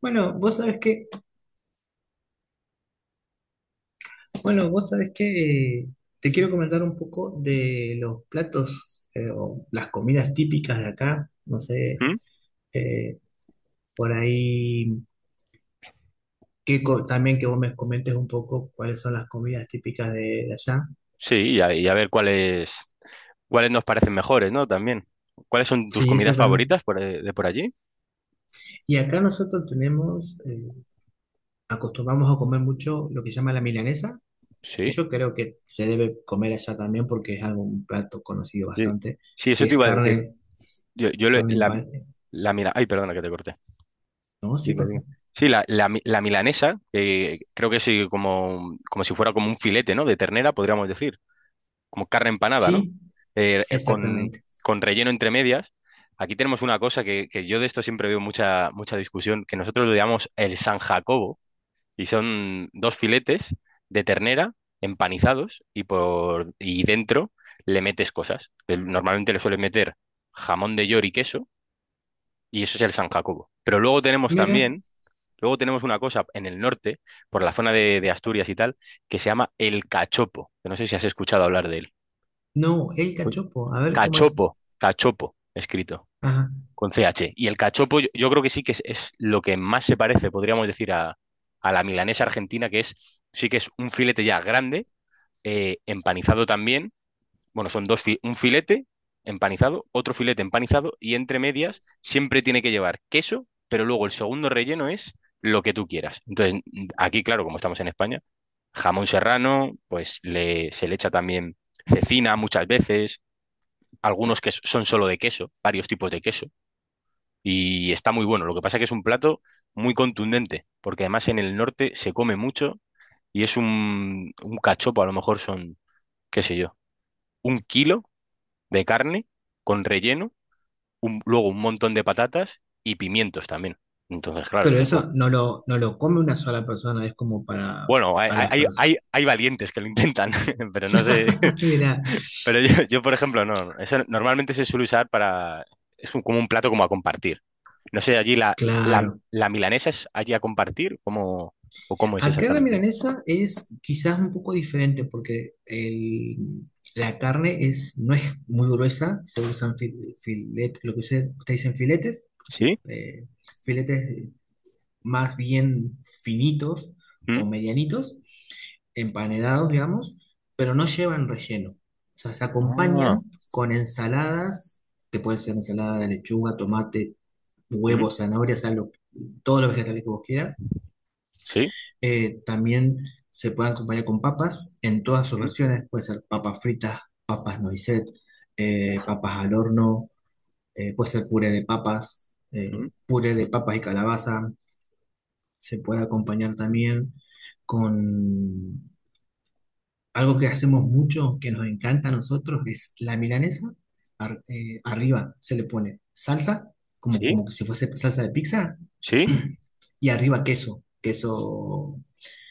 Bueno, vos sabés que, bueno, vos sabés que eh, te quiero comentar un poco de los platos o las comidas típicas de acá. No sé, ¿Mm? eh, por ahí también que vos me comentes un poco cuáles son las comidas típicas de allá. Sí, y a ver cuáles nos parecen mejores, ¿no? También. ¿Cuáles son tus Sí, comidas exactamente. favoritas por, de por allí? Y acá nosotros tenemos, acostumbramos a comer mucho lo que se llama la milanesa, que Sí, yo creo que se debe comer allá también porque es algo, un plato conocido sí. bastante, Sí, que eso te es iba a decir. carne, Yo le- carne en la, pan. la mila- Ay, perdona que te corté. No, sí, Dime, por dime. favor. Sí, la milanesa, que creo que sí, como si fuera como un filete, ¿no? De ternera, podríamos decir. Como carne empanada, ¿no? Sí, Eh, eh, con, exactamente. con relleno entre medias. Aquí tenemos una cosa que yo de esto siempre veo mucha, mucha discusión, que nosotros lo llamamos el San Jacobo. Y son dos filetes de ternera empanizados y dentro le metes cosas. Normalmente le suelen meter jamón de york y queso y eso es el San Jacobo. Pero luego tenemos Mira, también, luego tenemos una cosa en el norte, por la zona de Asturias y tal, que se llama el cachopo, que no sé si has escuchado hablar de él. no, el Pues, cachopo, a ver cómo es. Cachopo, cachopo, escrito, Ajá. con CH. Y el cachopo yo creo que sí que es, lo que más se parece, podríamos decir, a la milanesa argentina, que es sí que es un filete ya grande, empanizado también. Bueno, un filete empanizado, otro filete empanizado y entre medias siempre tiene que llevar queso, pero luego el segundo relleno es lo que tú quieras. Entonces, aquí, claro, como estamos en España, jamón serrano, pues le, se le echa también cecina muchas veces, algunos que son solo de queso, varios tipos de queso y está muy bueno. Lo que pasa es que es un plato muy contundente, porque además en el norte se come mucho y es un cachopo, a lo mejor son, qué sé yo, un kilo de carne con relleno, luego un montón de patatas y pimientos también. Entonces, claro, Pero digo, eso no lo come una sola persona, es como bueno, hay, para las hay, personas. hay, hay valientes que lo intentan, pero no sé. Mira, Pero yo, yo, por ejemplo, no. Eso normalmente se suele usar para... Es como un plato como a compartir. No sé, allí la, la, claro. la milanesa es allí a compartir, ¿o cómo es Acá la exactamente? milanesa es quizás un poco diferente porque la carne es, no es muy gruesa, se usan filetes, lo que ustedes dicen filetes, ¿sí? ¿Sí? Filetes más bien finitos o ¿Mm? medianitos. Empanedados, digamos, pero no llevan relleno. O sea, se Ah, acompañan con ensaladas, que puede ser ensalada de lechuga, tomate, ¿mm? huevo, zanahoria, sal, todos los vegetales que vos quieras. ¿Sí? También se pueden acompañar con papas en todas sus ¿Mm? versiones. Puede ser papas fritas, papas noisette, Uf, papas al horno, puede ser ¿mm? Puré de papas y calabaza. Se puede acompañar también con algo que hacemos mucho, que nos encanta a nosotros, es la milanesa. Arriba se le pone salsa, ¿Sí? como que si fuese salsa de pizza, ¿Sí? y arriba queso. Queso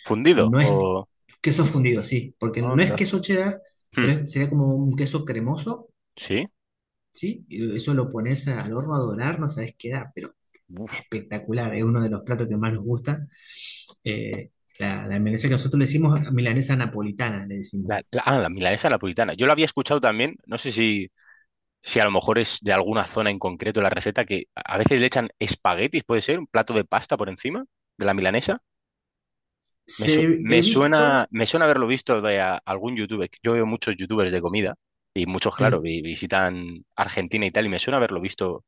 ¿Fundido? no es ¿O queso fundido, sí, porque no es onda? queso cheddar, ¿Mm? pero sería como un queso cremoso, ¿Sí? ¿sí? Y eso lo pones al horno a dorar, no sabes qué da, pero Uf. espectacular. Es uno de los platos que más nos gusta. Eh, la milanesa que nosotros le decimos milanesa napolitana, le decimos. La milanesa napolitana. Yo lo había escuchado también, no sé si a lo mejor es de alguna zona en concreto la receta, que a veces le echan espaguetis, ¿puede ser? ¿Un plato de pasta por encima de la milanesa? Me, su- Se, he me suena, visto. me suena haberlo visto de algún youtuber. Yo veo muchos youtubers de comida y muchos, claro, Sí, visitan Argentina y tal, y me suena haberlo visto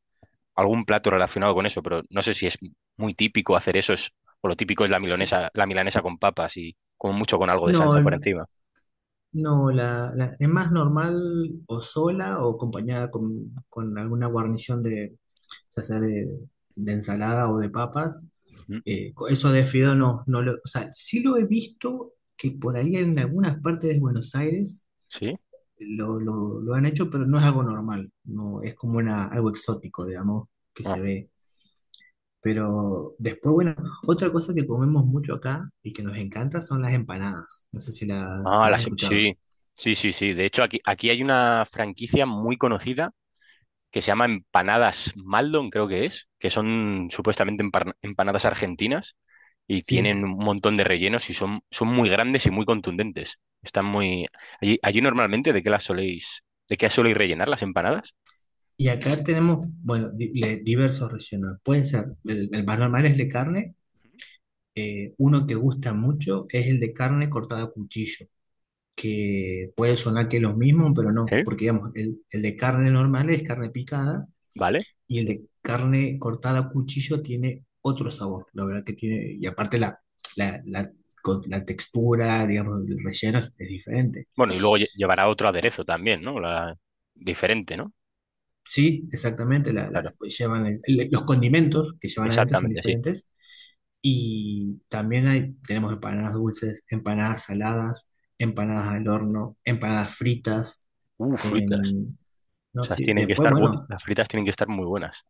algún plato relacionado con eso, pero no sé si es muy típico hacer eso, o lo típico es la milanesa con papas y como mucho con algo de salsa por no, encima. no, es más normal o sola o acompañada con alguna guarnición de, ya sea de ensalada o de papas. Ujú. Eso de fideo no, o sea, sí lo he visto que por ahí en algunas partes de Buenos Aires ¿Sí? Lo han hecho, pero no es algo normal, no, es como una, algo exótico, digamos, que Ah, se ve. Pero después, bueno, otra cosa que comemos mucho acá y que nos encanta son las empanadas. No sé si Ah, las has escuchado. sí. Sí, sí, sí. De hecho, aquí, aquí hay una franquicia muy conocida que se llama Empanadas Maldon, creo que es, que son supuestamente empanadas argentinas y Sí. tienen un montón de rellenos y son, son muy grandes y muy contundentes. Están muy... Allí, allí normalmente, ¿de qué las soléis, de qué soléis rellenar las empanadas? Y acá tenemos, bueno, diversos rellenos. Pueden ser, el más normal es de carne. Uno que gusta mucho es el de carne cortada a cuchillo, que puede sonar que es lo mismo, pero no, ¿Eh? porque digamos, el de carne normal es carne picada ¿Vale? y el Sí. de carne cortada a cuchillo tiene otro sabor, la verdad que tiene, y aparte la, con la textura, digamos, el relleno es diferente. Bueno, y luego llevará otro aderezo también, ¿no? La... Diferente, ¿no? Sí, exactamente, Claro, pues llevan los condimentos que llevan adentro son exactamente, sí. diferentes. Y también hay, tenemos empanadas dulces, empanadas saladas, empanadas al horno, empanadas fritas. Fritas. em, O no sea, sé, tienen que después, estar bueno, las fritas tienen que estar muy buenas.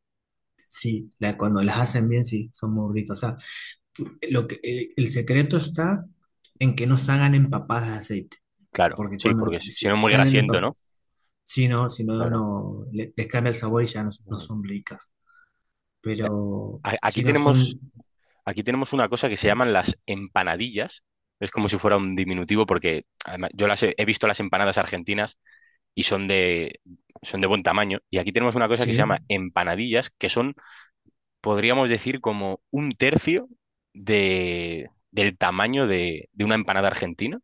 sí, cuando las hacen bien, sí, son muy ricas. O sea, lo que, el secreto está en que no salgan empapadas de aceite, Claro, porque sí, cuando, porque si no es si muy salen grasiento, empapadas, ¿no? si no, Claro. Les cambia el sabor y ya no, no Ujú. son ricas. Pero A- Aquí si no tenemos son, Aquí tenemos una cosa que se llaman las empanadillas. Es como si fuera un diminutivo porque además, yo las he visto las empanadas argentinas y son de buen tamaño. Y aquí tenemos una cosa que se sí, llama empanadillas, que son, podríamos decir, como un tercio del tamaño de, una empanada argentina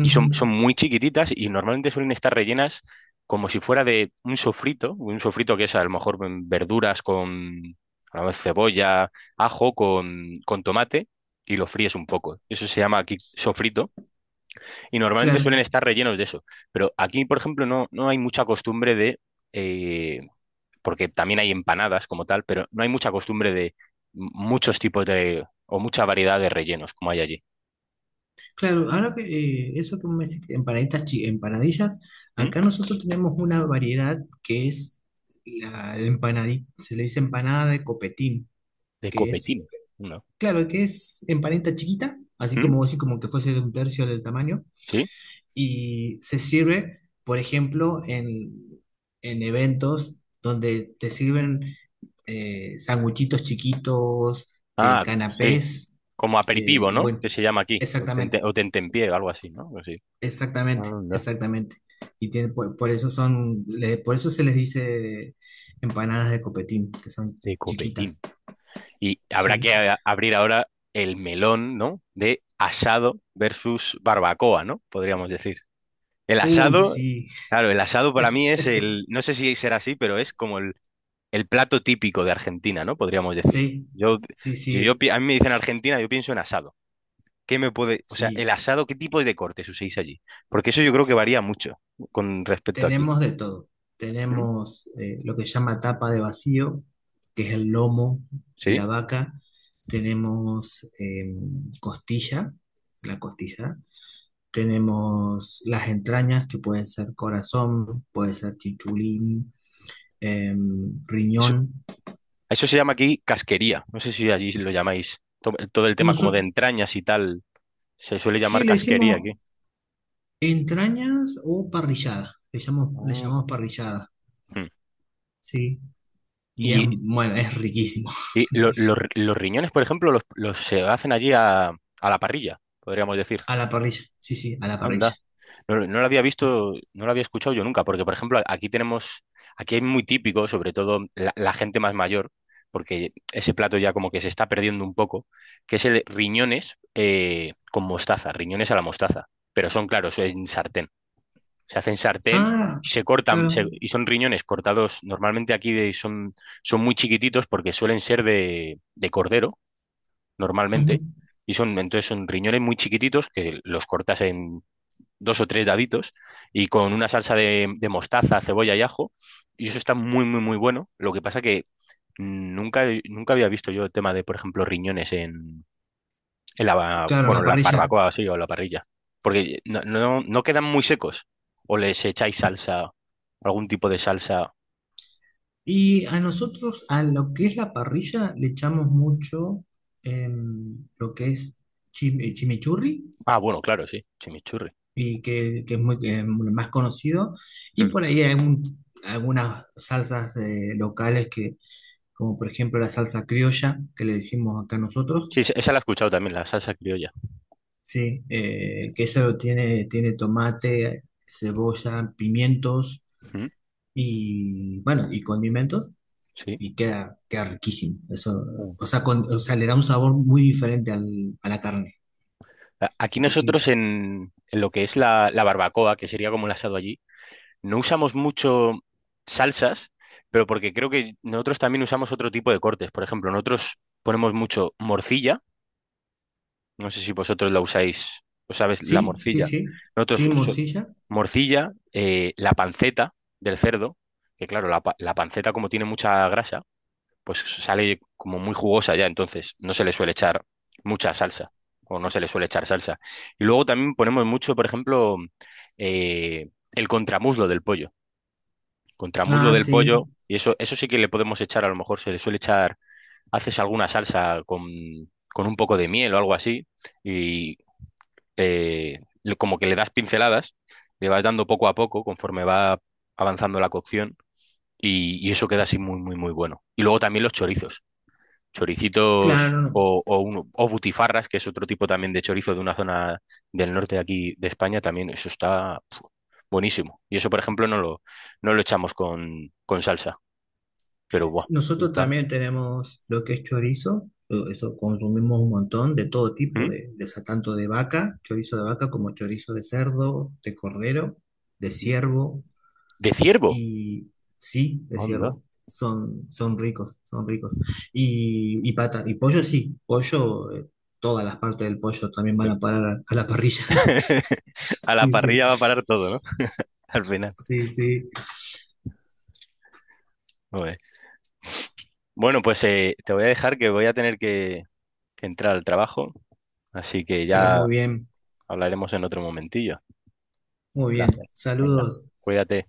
y son, son muy chiquititas y normalmente suelen estar rellenas como si fuera de un sofrito que es a lo mejor mm, verduras con a lo mejor cebolla, ajo, con tomate y lo fríes un poco. Eso se llama aquí sofrito y normalmente claro. suelen estar rellenos de eso. Pero aquí, por ejemplo, no, no hay mucha costumbre de, eh, porque también hay empanadas como tal, pero no hay mucha costumbre de muchos tipos de, o mucha variedad de rellenos como hay allí. Claro, ahora que eso que me decís, empanaditas, empanadillas, ¿Mm? acá nosotros tenemos una variedad que es la empanadita, se le dice empanada de copetín, De que es, copetín, ¿no? claro, que es empanadita chiquita, ¿Mm? Así como que fuese de un tercio del tamaño, ¿Sí? y se sirve, por ejemplo, en eventos donde te sirven sanguchitos chiquitos, Ah, sí. canapés, Como aperitivo, ¿no? bueno, Que se llama aquí. O tente, exactamente. o tentempié o algo así, ¿no? Algo así. Exactamente, Anda, exactamente. Y tiene, por eso son, por eso se les dice empanadas de copetín, que son de copetín. chiquitas, Y habrá sí. que abrir ahora el melón, ¿no? De asado versus barbacoa, ¿no? Podríamos decir. El Uy, asado, sí, claro, el asado para mí es el, no sé si será así, pero es como el plato típico de Argentina, ¿no? Podríamos decir. sí, Yo, sí, si yo, sí, a mí me dicen Argentina, yo pienso en asado. ¿Qué me puede, o sea, sí. el asado, qué tipos de cortes uséis allí? Porque eso yo creo que varía mucho con respecto a aquí. Tenemos de todo. ¿Mm? Tenemos lo que se llama tapa de vacío, que es el lomo de Sí. la vaca. Tenemos costilla, la costilla. Tenemos las entrañas, que pueden ser corazón, puede ser chichulín. eh, Eso, Riñón. eso se llama aquí casquería. No sé si allí lo llamáis. Todo el tema como de Nosotros entrañas y tal. Se suele sí llamar le casquería aquí. decimos entrañas o parrillada. Le Mm. llamamos parrillada, Hmm. ¿sí? Y es, Y, bueno, y- es riquísimo. y los riñones, por ejemplo, los se hacen allí a la parrilla, podríamos decir. A la parrilla, sí, sí, a la parrilla. Anda. No, lo no lo había visto, no lo había escuchado yo nunca, porque por ejemplo aquí tenemos, aquí hay muy típico, sobre todo la, gente más mayor, porque ese plato ya como que se está perdiendo un poco, que es el riñones con mostaza, riñones a la mostaza, pero son claros, en sartén, se hacen sartén Ah, y se cortan claro. Y son riñones cortados, normalmente aquí son, son muy chiquititos porque suelen ser de cordero Ujú, normalmente. Y son, entonces son riñones muy chiquititos que los cortas dos o tres daditos y con una salsa de mostaza, cebolla y ajo. Y eso está muy, muy, muy bueno. Lo que pasa que nunca, nunca había visto yo el tema de, por ejemplo, riñones en, en la, ba- claro, a bueno, la en la parrilla. barbacoa sí, o la parrilla. Porque no quedan muy secos. O les echáis salsa, algún tipo de salsa. Y a nosotros, a lo que es la parrilla, le echamos mucho lo que es chimichurri Ah, bueno, claro, sí, chimichurri. y que es muy que es más conocido. Y Mm. por ahí hay algunas salsas locales que, como por ejemplo la salsa criolla, que le decimos acá nosotros, Sí, esa esa la he escuchado también, la salsa criolla. sí, que eso tiene, tiene tomate, cebolla, pimientos Mm, y bueno, y condimentos. sí. Y queda, queda riquísimo. Eso, Mm. o sea, o sea, le da un sabor muy diferente a la carne. Aquí Así que sí. nosotros en, lo que es la barbacoa, que sería como el asado allí, no usamos mucho salsas, pero porque creo que nosotros también usamos otro tipo de cortes. Por ejemplo, nosotros ponemos mucho morcilla. No sé si vosotros la usáis, o sabes, la Sí, sí, morcilla. sí. Sí, Nosotros morcilla. morcilla, la panceta del cerdo, que claro, la, la panceta como tiene mucha grasa, pues sale como muy jugosa ya, entonces no se le suele echar mucha salsa, o no se le suele echar salsa. Y luego también ponemos mucho, por ejemplo, el contramuslo del pollo contramuslo Ah, del sí. pollo, y eso sí que le podemos echar, a lo mejor se le suele echar, haces alguna salsa con un poco de miel o algo así, y como que le das pinceladas, le vas dando poco a poco conforme va avanzando la cocción, y eso queda así muy, muy, muy bueno. Y luego también los chorizos, choricitos Claro, no. O, o butifarras, que es otro tipo también de chorizo de una zona del norte de aquí de España, también eso está pf, buenísimo. Y eso, por ejemplo, no lo echamos con, salsa. Pero guau, Nosotros puta. también tenemos lo que es chorizo, eso consumimos un montón de todo tipo, ¿Mm? De tanto de vaca, chorizo de vaca como chorizo de cerdo, de cordero, de ciervo De ciervo. y sí, de Onda. ciervo. Son, son ricos, son ricos. Y pata, y pollo sí, pollo, todas las partes del pollo también van Sí. a parar a la parrilla. A la Sí, sí, parrilla va a parar todo, ¿no? Al final. sí, sí, Joder. Bueno, pues te voy a dejar que voy a tener que entrar al trabajo, así que pero ya muy bien, hablaremos en otro momentillo. muy bien. Placer. Venga, Saludos. cuídate.